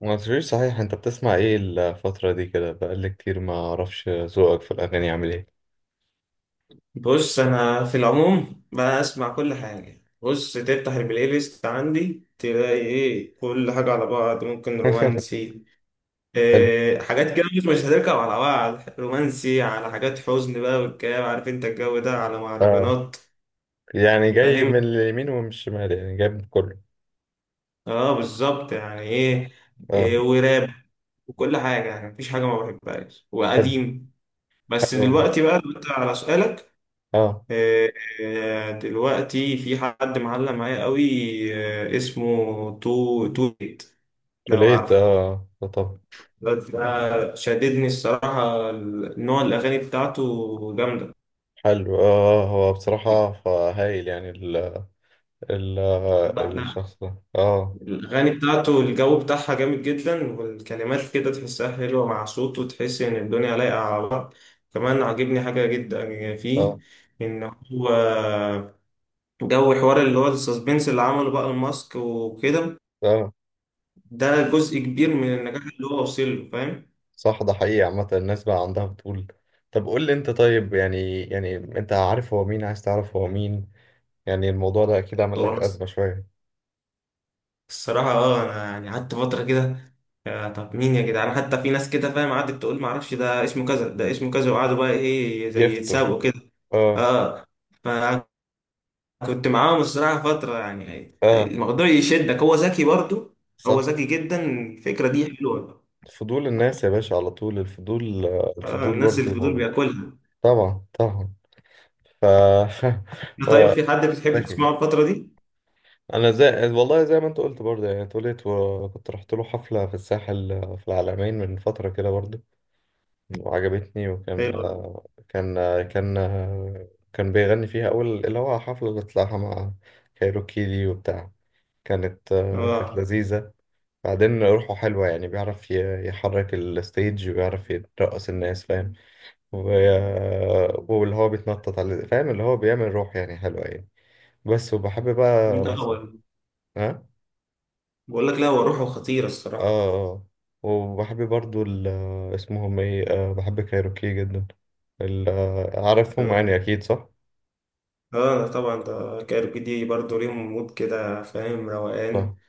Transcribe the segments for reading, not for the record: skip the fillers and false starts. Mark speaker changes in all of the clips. Speaker 1: ما قلتليش صحيح، انت بتسمع ايه الفترة دي؟ كده بقالي كتير ما اعرفش ذوقك في الاغاني عامل ايه.
Speaker 2: بص، انا في العموم بسمع كل حاجه. بص تفتح البلاي ليست عندي، تلاقي ايه؟ كل حاجه على بعض، ممكن رومانسي.
Speaker 1: حلو.
Speaker 2: إيه حاجات كده مش هتركب على بعض، رومانسي على حاجات حزن بقى والكلام، عارف انت الجو ده، على
Speaker 1: اه.
Speaker 2: مهرجانات.
Speaker 1: يعني جاي من
Speaker 2: فاهم.
Speaker 1: اليمين ومن الشمال، يعني جاي من كله.
Speaker 2: اه بالظبط يعني ايه،
Speaker 1: اه.
Speaker 2: إيه وراب. وكل حاجه يعني، مفيش حاجه ما بحبهاش،
Speaker 1: حلو.
Speaker 2: وقديم. بس
Speaker 1: حلو والله.
Speaker 2: دلوقتي، بقى دلوقتي على سؤالك.
Speaker 1: اه.
Speaker 2: آه، آه، دلوقتي في حد معلق معايا قوي. اسمه تو تويت. لو
Speaker 1: توليت،
Speaker 2: عارفه.
Speaker 1: اه، آه، طب.
Speaker 2: الواد ده شددني الصراحة، نوع الأغاني بتاعته جامدة.
Speaker 1: حلو، اه، آه، هو بصراحة هايل، يعني ال ال
Speaker 2: لا،
Speaker 1: آه،
Speaker 2: لا.
Speaker 1: الشخص ده. اه.
Speaker 2: الأغاني بتاعته الجو بتاعها جامد جدا، والكلمات كده تحسها حلوة مع صوته، تحس إن الدنيا لايقة على بعض. كمان عاجبني حاجة جدا فيه،
Speaker 1: اه.
Speaker 2: إن هو جو حوار اللي هو السسبنس اللي عمله بقى الماسك وكده.
Speaker 1: اه.
Speaker 2: ده جزء كبير من النجاح اللي هو وصل له، فاهم.
Speaker 1: صح، ده حقيقي. عامة الناس بقى عندها بتقول. طب قول لي انت، طيب يعني، يعني انت عارف هو مين؟ عايز تعرف هو مين؟ يعني الموضوع ده اكيد عمل
Speaker 2: هو
Speaker 1: لك
Speaker 2: أنا
Speaker 1: ازمة شوية.
Speaker 2: الصراحة انا يعني قعدت فترة كده، يا طب مين يا جدعان؟ حتى في ناس كده فاهم، قعدت تقول معرفش، ده اسمه كذا ده اسمه كذا، وقعدوا بقى ايه، زي
Speaker 1: يفتو.
Speaker 2: يتسابقوا كده.
Speaker 1: اه.
Speaker 2: اه. آه. فكنت معاهم الصراحة فترة، يعني
Speaker 1: اه.
Speaker 2: الموضوع يشدك، هو ذكي برضو. هو
Speaker 1: صح.
Speaker 2: ذكي جدا، الفكرة دي حلوة.
Speaker 1: فضول الناس يا باشا، على طول الفضول، آه،
Speaker 2: اه،
Speaker 1: الفضول
Speaker 2: الناس
Speaker 1: برضه
Speaker 2: الفضول
Speaker 1: موجود.
Speaker 2: بياكلها.
Speaker 1: طبعا طبعا. ف
Speaker 2: طيب
Speaker 1: هو
Speaker 2: في حد بتحب
Speaker 1: ذكي.
Speaker 2: تسمعه الفترة دي؟
Speaker 1: انا زي، والله زي ما انت قلت برضه، يعني اتولدت وكنت رحت له حفلة في الساحل، آه، في العلمين من فترة كده برضه. وعجبتني وكان
Speaker 2: حلو.
Speaker 1: آه، كان آه، كان آه، كان بيغني فيها اول، اللي هو حفلة اللي طلعها مع كايروكي دي وبتاع. كانت
Speaker 2: اه،
Speaker 1: لذيذة. بعدين روحه حلوة، يعني بيعرف يحرك الستيج وبيعرف يرقص الناس، فاهم؟ و- واللي هو بيتنطط على، فاهم؟ اللي هو بيعمل روح يعني حلوة يعني. بس وبحب بقى.
Speaker 2: من
Speaker 1: بس.
Speaker 2: الأول
Speaker 1: ها.
Speaker 2: بقول لك، لا هو روحه خطيرة الصراحة.
Speaker 1: اه. اه. وبحب برضو اسمهم ايه، آه، بحب كايروكي جدا. عارفهم يعني اكيد، صح؟
Speaker 2: اه طبعا، ده كايروكي دي برضه ليهم مود كده فاهم، روقان.
Speaker 1: صح.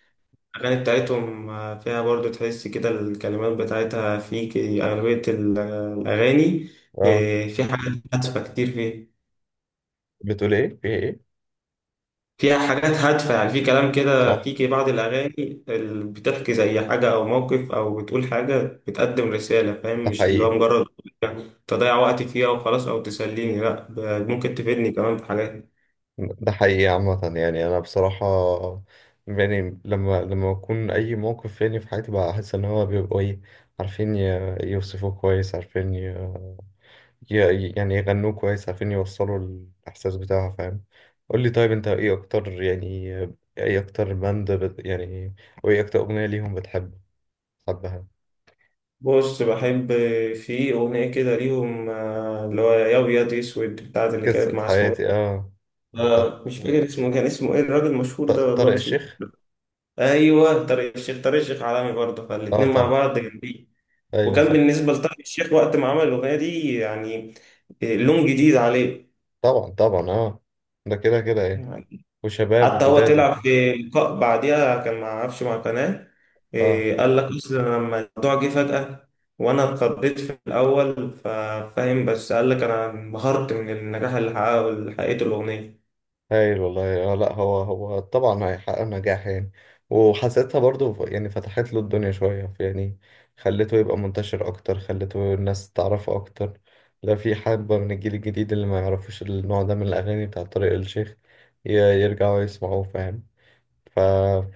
Speaker 2: الأغاني بتاعتهم فيها برضه تحس كده، الكلمات بتاعتها في أغلبية الأغاني.
Speaker 1: اه.
Speaker 2: في حاجات هادفة كتير فيه.
Speaker 1: بتقول ايه؟ في ايه؟
Speaker 2: فيها حاجات هادفة يعني، في كلام كده،
Speaker 1: صح،
Speaker 2: في بعض الأغاني اللي بتحكي زي حاجة أو موقف أو بتقول حاجة، بتقدم رسالة فاهم،
Speaker 1: ده
Speaker 2: مش اللي هو
Speaker 1: حقيقي.
Speaker 2: مجرد تضيع وقتي فيها وخلاص، أو تسليني لأ، ممكن تفيدني كمان في حاجات.
Speaker 1: ده حقيقي. عامة يعني أنا بصراحة، يعني لما بكون أي موقف يعني في حياتي، بحس إن هو بيبقوا إيه، عارفين يوصفوه كويس، عارفين يعني يغنوه كويس، عارفين يوصلوا الإحساس بتاعها، فاهم؟ قول لي طيب، أنت إيه أكتر يعني، إيه أكتر يعني وإيه أكتر أغنية ليهم بتحبها؟
Speaker 2: بص، بحب في أغنية كده ليهم اللي هو يا أبيض يا أسود، بتاعت اللي كانت
Speaker 1: قصة
Speaker 2: مع، اسمه
Speaker 1: حياتي،
Speaker 2: إيه؟
Speaker 1: آه. بتاعت.
Speaker 2: مش فاكر اسمه، كان اسمه إيه الراجل المشهور ده والله،
Speaker 1: طارق
Speaker 2: بس مش
Speaker 1: الشيخ.
Speaker 2: فاكر. أيوه طارق الشيخ، طارق الشيخ عالمي برضه،
Speaker 1: آه
Speaker 2: فالاتنين مع
Speaker 1: طبعا.
Speaker 2: بعض جامدين.
Speaker 1: أيوه
Speaker 2: وكان
Speaker 1: صح.
Speaker 2: بالنسبة لطارق الشيخ، وقت ما عمل الأغنية دي يعني لون جديد عليه.
Speaker 1: طبعا طبعا، آه. ده كده كده يعني.
Speaker 2: يعني.
Speaker 1: وشباب
Speaker 2: حتى هو
Speaker 1: وجداد
Speaker 2: طلع
Speaker 1: وبتاع.
Speaker 2: في لقاء بعديها، كان مع عفش مع قناة
Speaker 1: اه.
Speaker 2: قال لك أصل أنا لما الموضوع جه فجأة وأنا اتخضيت في الأول ففاهم، بس قال لك أنا انبهرت من النجاح اللي حققته الأغنية.
Speaker 1: هايل والله. اه. لا، هو طبعا هيحقق نجاح يعني. وحسيتها برضو، يعني فتحت له الدنيا شوية يعني، خلته يبقى منتشر أكتر، خلته الناس تعرفه أكتر. لا، في حبة من الجيل الجديد اللي ما يعرفوش النوع ده من الأغاني بتاع طارق الشيخ، يرجعوا يسمعوه، فاهم؟ ف...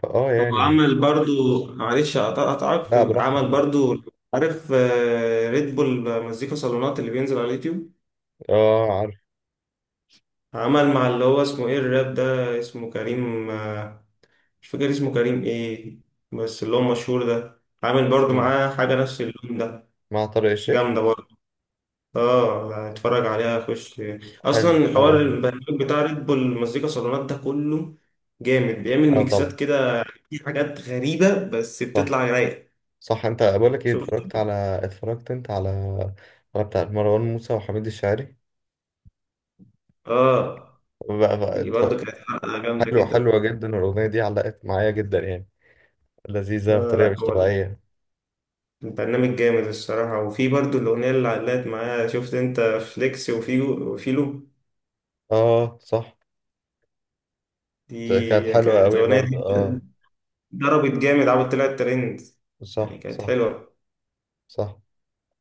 Speaker 1: فآه
Speaker 2: هو
Speaker 1: يعني.
Speaker 2: عمل برضو معلش أقطعك.
Speaker 1: لا براحته
Speaker 2: عمل
Speaker 1: طبعا.
Speaker 2: برضو، عارف ريد بول مزيكا صالونات اللي بينزل على اليوتيوب؟
Speaker 1: اه عارف.
Speaker 2: عمل مع اللي هو اسمه إيه، الراب ده اسمه كريم مش فاكر اسمه كريم ايه، بس اللي هو مشهور ده، عامل برضو
Speaker 1: مين؟
Speaker 2: معاه حاجة نفس اللون ده.
Speaker 1: مع طارق الشيخ؟
Speaker 2: جامدة برضو. اه اتفرج عليها، خش.
Speaker 1: حلو
Speaker 2: اصلا حوار
Speaker 1: هبقى.
Speaker 2: البرنامج بتاع ريد بول مزيكا صالونات ده كله جامد، بيعمل
Speaker 1: اه
Speaker 2: ميكسات
Speaker 1: طبعا.
Speaker 2: كده، في حاجات غريبة بس
Speaker 1: صح.
Speaker 2: بتطلع رايقة.
Speaker 1: صح. انت بقول لك ايه،
Speaker 2: شفت؟
Speaker 1: اتفرجت على، اتفرجت انت على، على بتاع مروان موسى وحميد الشاعري
Speaker 2: اه،
Speaker 1: بقى
Speaker 2: دي
Speaker 1: اتف...
Speaker 2: برضو كانت حلقة جامدة
Speaker 1: حلوة، حلوة
Speaker 2: كده.
Speaker 1: جدا. الأغنية دي علقت معايا جدا يعني، لذيذة بطريقة
Speaker 2: لا
Speaker 1: مش
Speaker 2: هو
Speaker 1: طبيعية.
Speaker 2: البرنامج جامد الصراحة، وفي برضو الأغنية اللي علقت معايا، شفت أنت فليكس وفيو وفيلو؟
Speaker 1: اه صح. كانت
Speaker 2: دي
Speaker 1: حلوة
Speaker 2: كانت
Speaker 1: قوي
Speaker 2: أغنية
Speaker 1: برضه، اه.
Speaker 2: ضربت جامد، عاوز طلعت ترند، يعني
Speaker 1: صح
Speaker 2: كانت
Speaker 1: صح.
Speaker 2: حلوة.
Speaker 1: صح.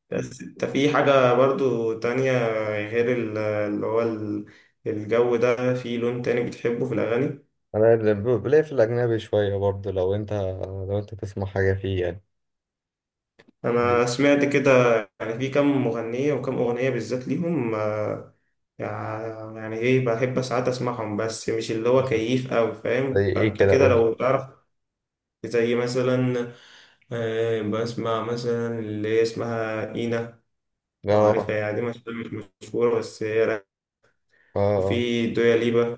Speaker 2: بس انت في حاجة برضو تانية، غير الجو ده، في لون تاني بتحبه في الأغاني؟
Speaker 1: انا اللي بلاقي في الأجنبي شوية برضه، لو انت، لو انت تسمع حاجة فيه يعني.
Speaker 2: أنا
Speaker 1: ليه؟
Speaker 2: سمعت كده، يعني في كم مغنية وكم أغنية بالذات ليهم يعني إيه، بحب ساعات أسمعهم بس مش اللي هو
Speaker 1: زي
Speaker 2: كيف أوي فاهم،
Speaker 1: ايه
Speaker 2: فأنت
Speaker 1: كده،
Speaker 2: كده
Speaker 1: قول.
Speaker 2: لو تعرف. زي مثلا بسمع مثلا اللي هي اسمها إينا، لو
Speaker 1: اه.
Speaker 2: عارفها، يعني دي مش مشهورة بس هي.
Speaker 1: اه. اه.
Speaker 2: وفي دويا ليبا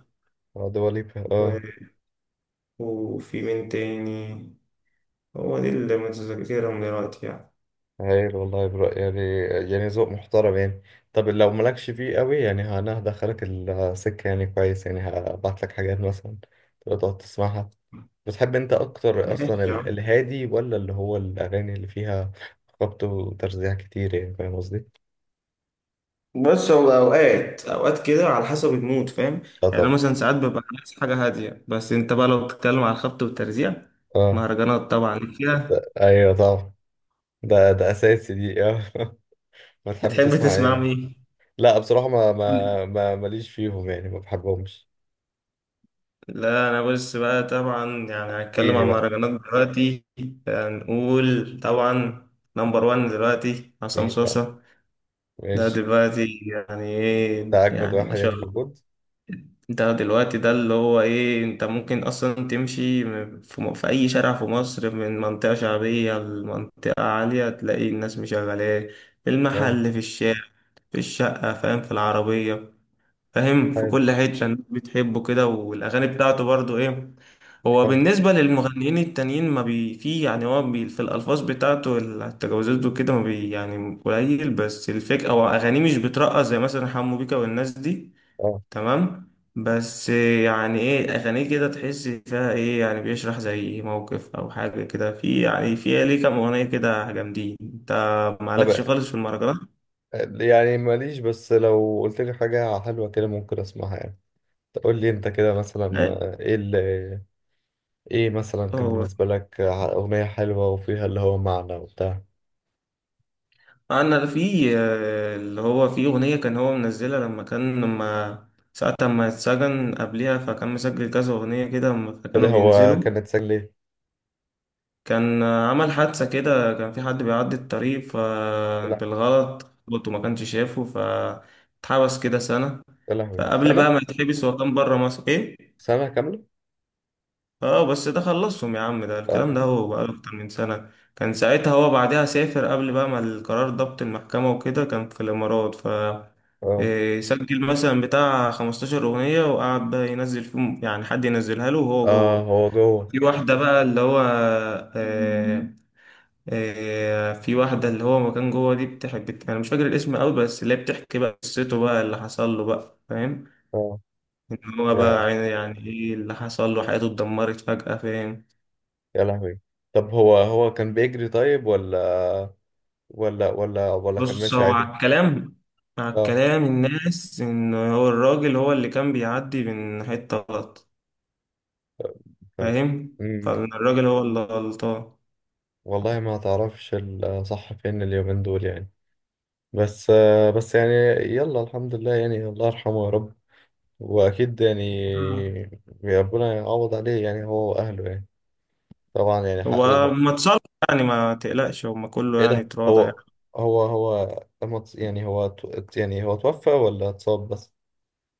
Speaker 1: آه، دواليبا،
Speaker 2: و...
Speaker 1: اه.
Speaker 2: وفي مين تاني، هو دي اللي متذكرهم دلوقتي يعني.
Speaker 1: هايل والله، برو يعني، يعني ذوق محترم يعني. طب لو مالكش فيه قوي يعني، انا هدخلك السكة يعني كويس، يعني هبعت لك حاجات مثلا تبقى تقعد تسمعها. بتحب انت اكتر
Speaker 2: ماشي
Speaker 1: اصلا
Speaker 2: يا عم.
Speaker 1: الهادي، ولا اللي هو الاغاني اللي فيها خبط وترزيع كتير، يعني فاهم قصدي؟
Speaker 2: بص، هو اوقات اوقات كده، على حسب المود فاهم.
Speaker 1: اه
Speaker 2: يعني انا
Speaker 1: طبعا.
Speaker 2: مثلا ساعات ببقى عايز حاجه هاديه، بس انت بقى لو بتتكلم على الخبط والترزيع،
Speaker 1: اه.
Speaker 2: مهرجانات طبعا ليك فيها.
Speaker 1: ايوه طبعا، ده اساسي دي، اه. بتحب
Speaker 2: بتحب
Speaker 1: تسمع
Speaker 2: تسمع
Speaker 1: ايه؟
Speaker 2: مين؟
Speaker 1: لا بصراحة، ما
Speaker 2: قول.
Speaker 1: ما ما ماليش فيهم يعني، ما بحبهمش.
Speaker 2: لا انا بص بقى طبعا، يعني هنتكلم
Speaker 1: ايه
Speaker 2: عن
Speaker 1: بقى؟
Speaker 2: مهرجانات دلوقتي، هنقول طبعا نمبر وان دلوقتي عصام
Speaker 1: مين بقى؟
Speaker 2: صاصا. ده
Speaker 1: ماشي.
Speaker 2: دلوقتي يعني ايه
Speaker 1: ده اجمد
Speaker 2: يعني، ما
Speaker 1: واحد
Speaker 2: شاء
Speaker 1: يعني
Speaker 2: الله.
Speaker 1: موجود.
Speaker 2: ده دلوقتي، ده اللي هو ايه، انت ممكن اصلا تمشي في اي شارع في مصر، من منطقة شعبية لمنطقة عالية، تلاقي الناس مشغلاه، في
Speaker 1: آه.
Speaker 2: المحل، في الشارع، في الشقة فاهم، في العربية فاهم، في
Speaker 1: عارف.
Speaker 2: كل حتة، الناس بتحبه كده، والاغاني بتاعته برضو ايه، هو
Speaker 1: حلو.
Speaker 2: بالنسبة للمغنيين التانيين ما بي في يعني، هو بي في الألفاظ بتاعته، التجاوزات وكده ما بي يعني قليل، بس الفكرة أو أغانيه مش بترقص زي مثلا حمو بيكا والناس دي.
Speaker 1: اه.
Speaker 2: تمام، بس يعني إيه، أغانيه كده تحس فيها إيه، يعني بيشرح زي موقف أو حاجة كده، في يعني في ليه كام أغنية كده جامدين. أنت
Speaker 1: طب
Speaker 2: مالكش خالص في المهرجانات؟
Speaker 1: يعني ماليش، بس لو قلت لي حاجة حلوة كده ممكن اسمعها يعني. تقول لي انت كده مثلا، ايه اللي، ايه مثلا كان
Speaker 2: هو
Speaker 1: بالنسبة لك اغنية حلوة وفيها اللي هو معنى وبتاع.
Speaker 2: انا في اللي هو في اغنيه كان هو منزلها، لما ساعة ما اتسجن قبليها، فكان مسجل كذا اغنيه كده، لما
Speaker 1: ايه
Speaker 2: كانوا
Speaker 1: ده، هو
Speaker 2: بينزلوا.
Speaker 1: كانت سجلة؟
Speaker 2: كان عمل حادثه كده، كان في حد بيعدي الطريق
Speaker 1: لا.
Speaker 2: فبالغلط، خبطه وما كانش شافه، فاتحبس كده سنه.
Speaker 1: يا لهوي،
Speaker 2: فقبل بقى
Speaker 1: سنة؟
Speaker 2: ما يتحبس، هو كان بره مصر ايه،
Speaker 1: سنة كاملة.
Speaker 2: اه بس ده خلصهم يا عم، ده الكلام
Speaker 1: اه.
Speaker 2: ده هو بقاله اكتر من سنة. كان ساعتها هو بعدها سافر، قبل بقى ما القرار ضبط المحكمة وكده، كان في الامارات.
Speaker 1: اه.
Speaker 2: سجل مثلا بتاع 15 اغنية، وقعد بقى ينزل فيهم، يعني حد ينزلها له وهو
Speaker 1: اه،
Speaker 2: جوه.
Speaker 1: هو جوه.
Speaker 2: في واحدة بقى اللي هو آه في واحدة اللي هو ما كان جوه، دي بتحب، انا مش فاكر الاسم قوي، بس اللي هي بتحكي بقى قصته بقى، اللي حصل له بقى فاهم،
Speaker 1: اه.
Speaker 2: ان هو
Speaker 1: يا
Speaker 2: بقى يعني ايه اللي حصل له، حياته اتدمرت فجأة فاهم.
Speaker 1: يا لهوي. طب هو، هو كان بيجري طيب، ولا ولا كان
Speaker 2: بص،
Speaker 1: ماشي
Speaker 2: هو
Speaker 1: عادي؟
Speaker 2: على الكلام على
Speaker 1: اه
Speaker 2: الكلام الناس، ان هو الراجل هو اللي كان بيعدي من حتة غلط
Speaker 1: تمام.
Speaker 2: فاهم،
Speaker 1: امم.
Speaker 2: فالراجل هو اللي غلطان.
Speaker 1: والله ما تعرفش الصح فين اليومين دول يعني، بس آه، بس يعني يلا الحمد لله يعني، الله يرحمه يا رب، واكيد يعني
Speaker 2: آه.
Speaker 1: ربنا يعوض عليه يعني، هو واهله يعني. طبعا يعني حق
Speaker 2: هو
Speaker 1: الم...
Speaker 2: ما اتصل، يعني ما تقلقش، هما كله
Speaker 1: ايه
Speaker 2: يعني
Speaker 1: ده،
Speaker 2: اتراضى يعني.
Speaker 1: هو هو هو لما يعني هو يعني هو توفى ولا اتصاب بس؟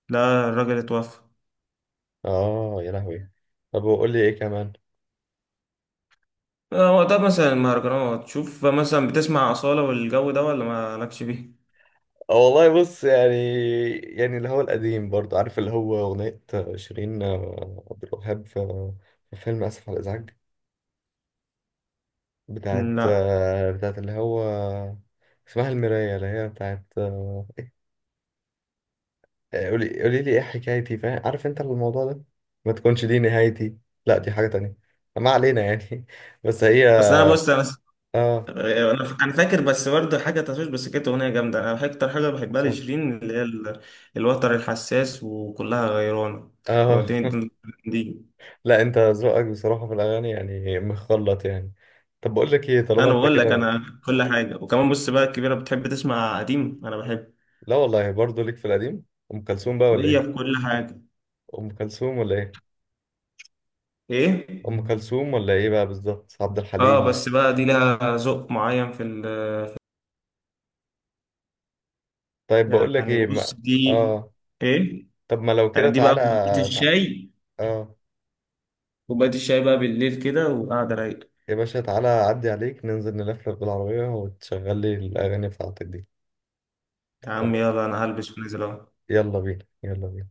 Speaker 2: لا، الراجل اتوفى.
Speaker 1: اه يا لهوي. طب وقول لي ايه كمان.
Speaker 2: هو ده مثلا المهرجانات، شوف مثلا، بتسمع أصالة والجو ده ولا ما لكش بيه؟
Speaker 1: اه والله بص يعني، يعني اللي هو القديم برضه، عارف اللي هو اغنية شيرين، آه، عبد الوهاب في، في فيلم اسف على الازعاج، بتاعت
Speaker 2: لا
Speaker 1: آه، بتاعت اللي هو اسمها المراية، اللي هي بتاعت آه، قولي، قولي لي ايه حكايتي، فاهم، عارف انت الموضوع ده؟ ما تكونش دي نهايتي. لا دي حاجة تانية، ما علينا يعني. بس هي،
Speaker 2: بس انا، بص
Speaker 1: اه.
Speaker 2: أنا فاكر، بس برضه حاجه تشوش، بس كانت اغنيه جامده، انا اكتر حاجه بحبها
Speaker 1: صح.
Speaker 2: لشيرين اللي هي الوتر الحساس، وكلها غيرانه.
Speaker 1: اه.
Speaker 2: ودي دي, دي. دي.
Speaker 1: لا انت ذوقك بصراحة في الاغاني يعني مخلط يعني. طب بقول لك ايه، طالما
Speaker 2: انا
Speaker 1: انت
Speaker 2: بقول لك،
Speaker 1: كده.
Speaker 2: انا كل حاجه، وكمان بص بقى الكبيره بتحب تسمع قديم، انا بحب.
Speaker 1: لا والله برضه ليك في القديم. ام كلثوم بقى ولا
Speaker 2: هي
Speaker 1: ايه؟
Speaker 2: في كل حاجه.
Speaker 1: ام كلثوم ولا ايه؟
Speaker 2: ايه.
Speaker 1: ام كلثوم ولا ايه بقى بالظبط؟ عبد
Speaker 2: اه
Speaker 1: الحليم.
Speaker 2: بس بقى دي لها ذوق معين في
Speaker 1: طيب بقول لك
Speaker 2: يعني،
Speaker 1: ايه
Speaker 2: بص
Speaker 1: ما...
Speaker 2: دي،
Speaker 1: اه.
Speaker 2: ايه،
Speaker 1: طب ما لو
Speaker 2: يعني
Speaker 1: كده
Speaker 2: دي بقى
Speaker 1: تعالى،
Speaker 2: كوبايه
Speaker 1: تع...
Speaker 2: الشاي.
Speaker 1: اه،
Speaker 2: كوبايه الشاي بقى بالليل كده وقاعده رايقه.
Speaker 1: يا باشا تعالى أعدي عليك، ننزل نلفلف بالعربية وتشغل لي الأغاني بتاعتك دي.
Speaker 2: يا عم يلا، انا هلبس ونزل اهو.
Speaker 1: يلا بينا، يلا بينا.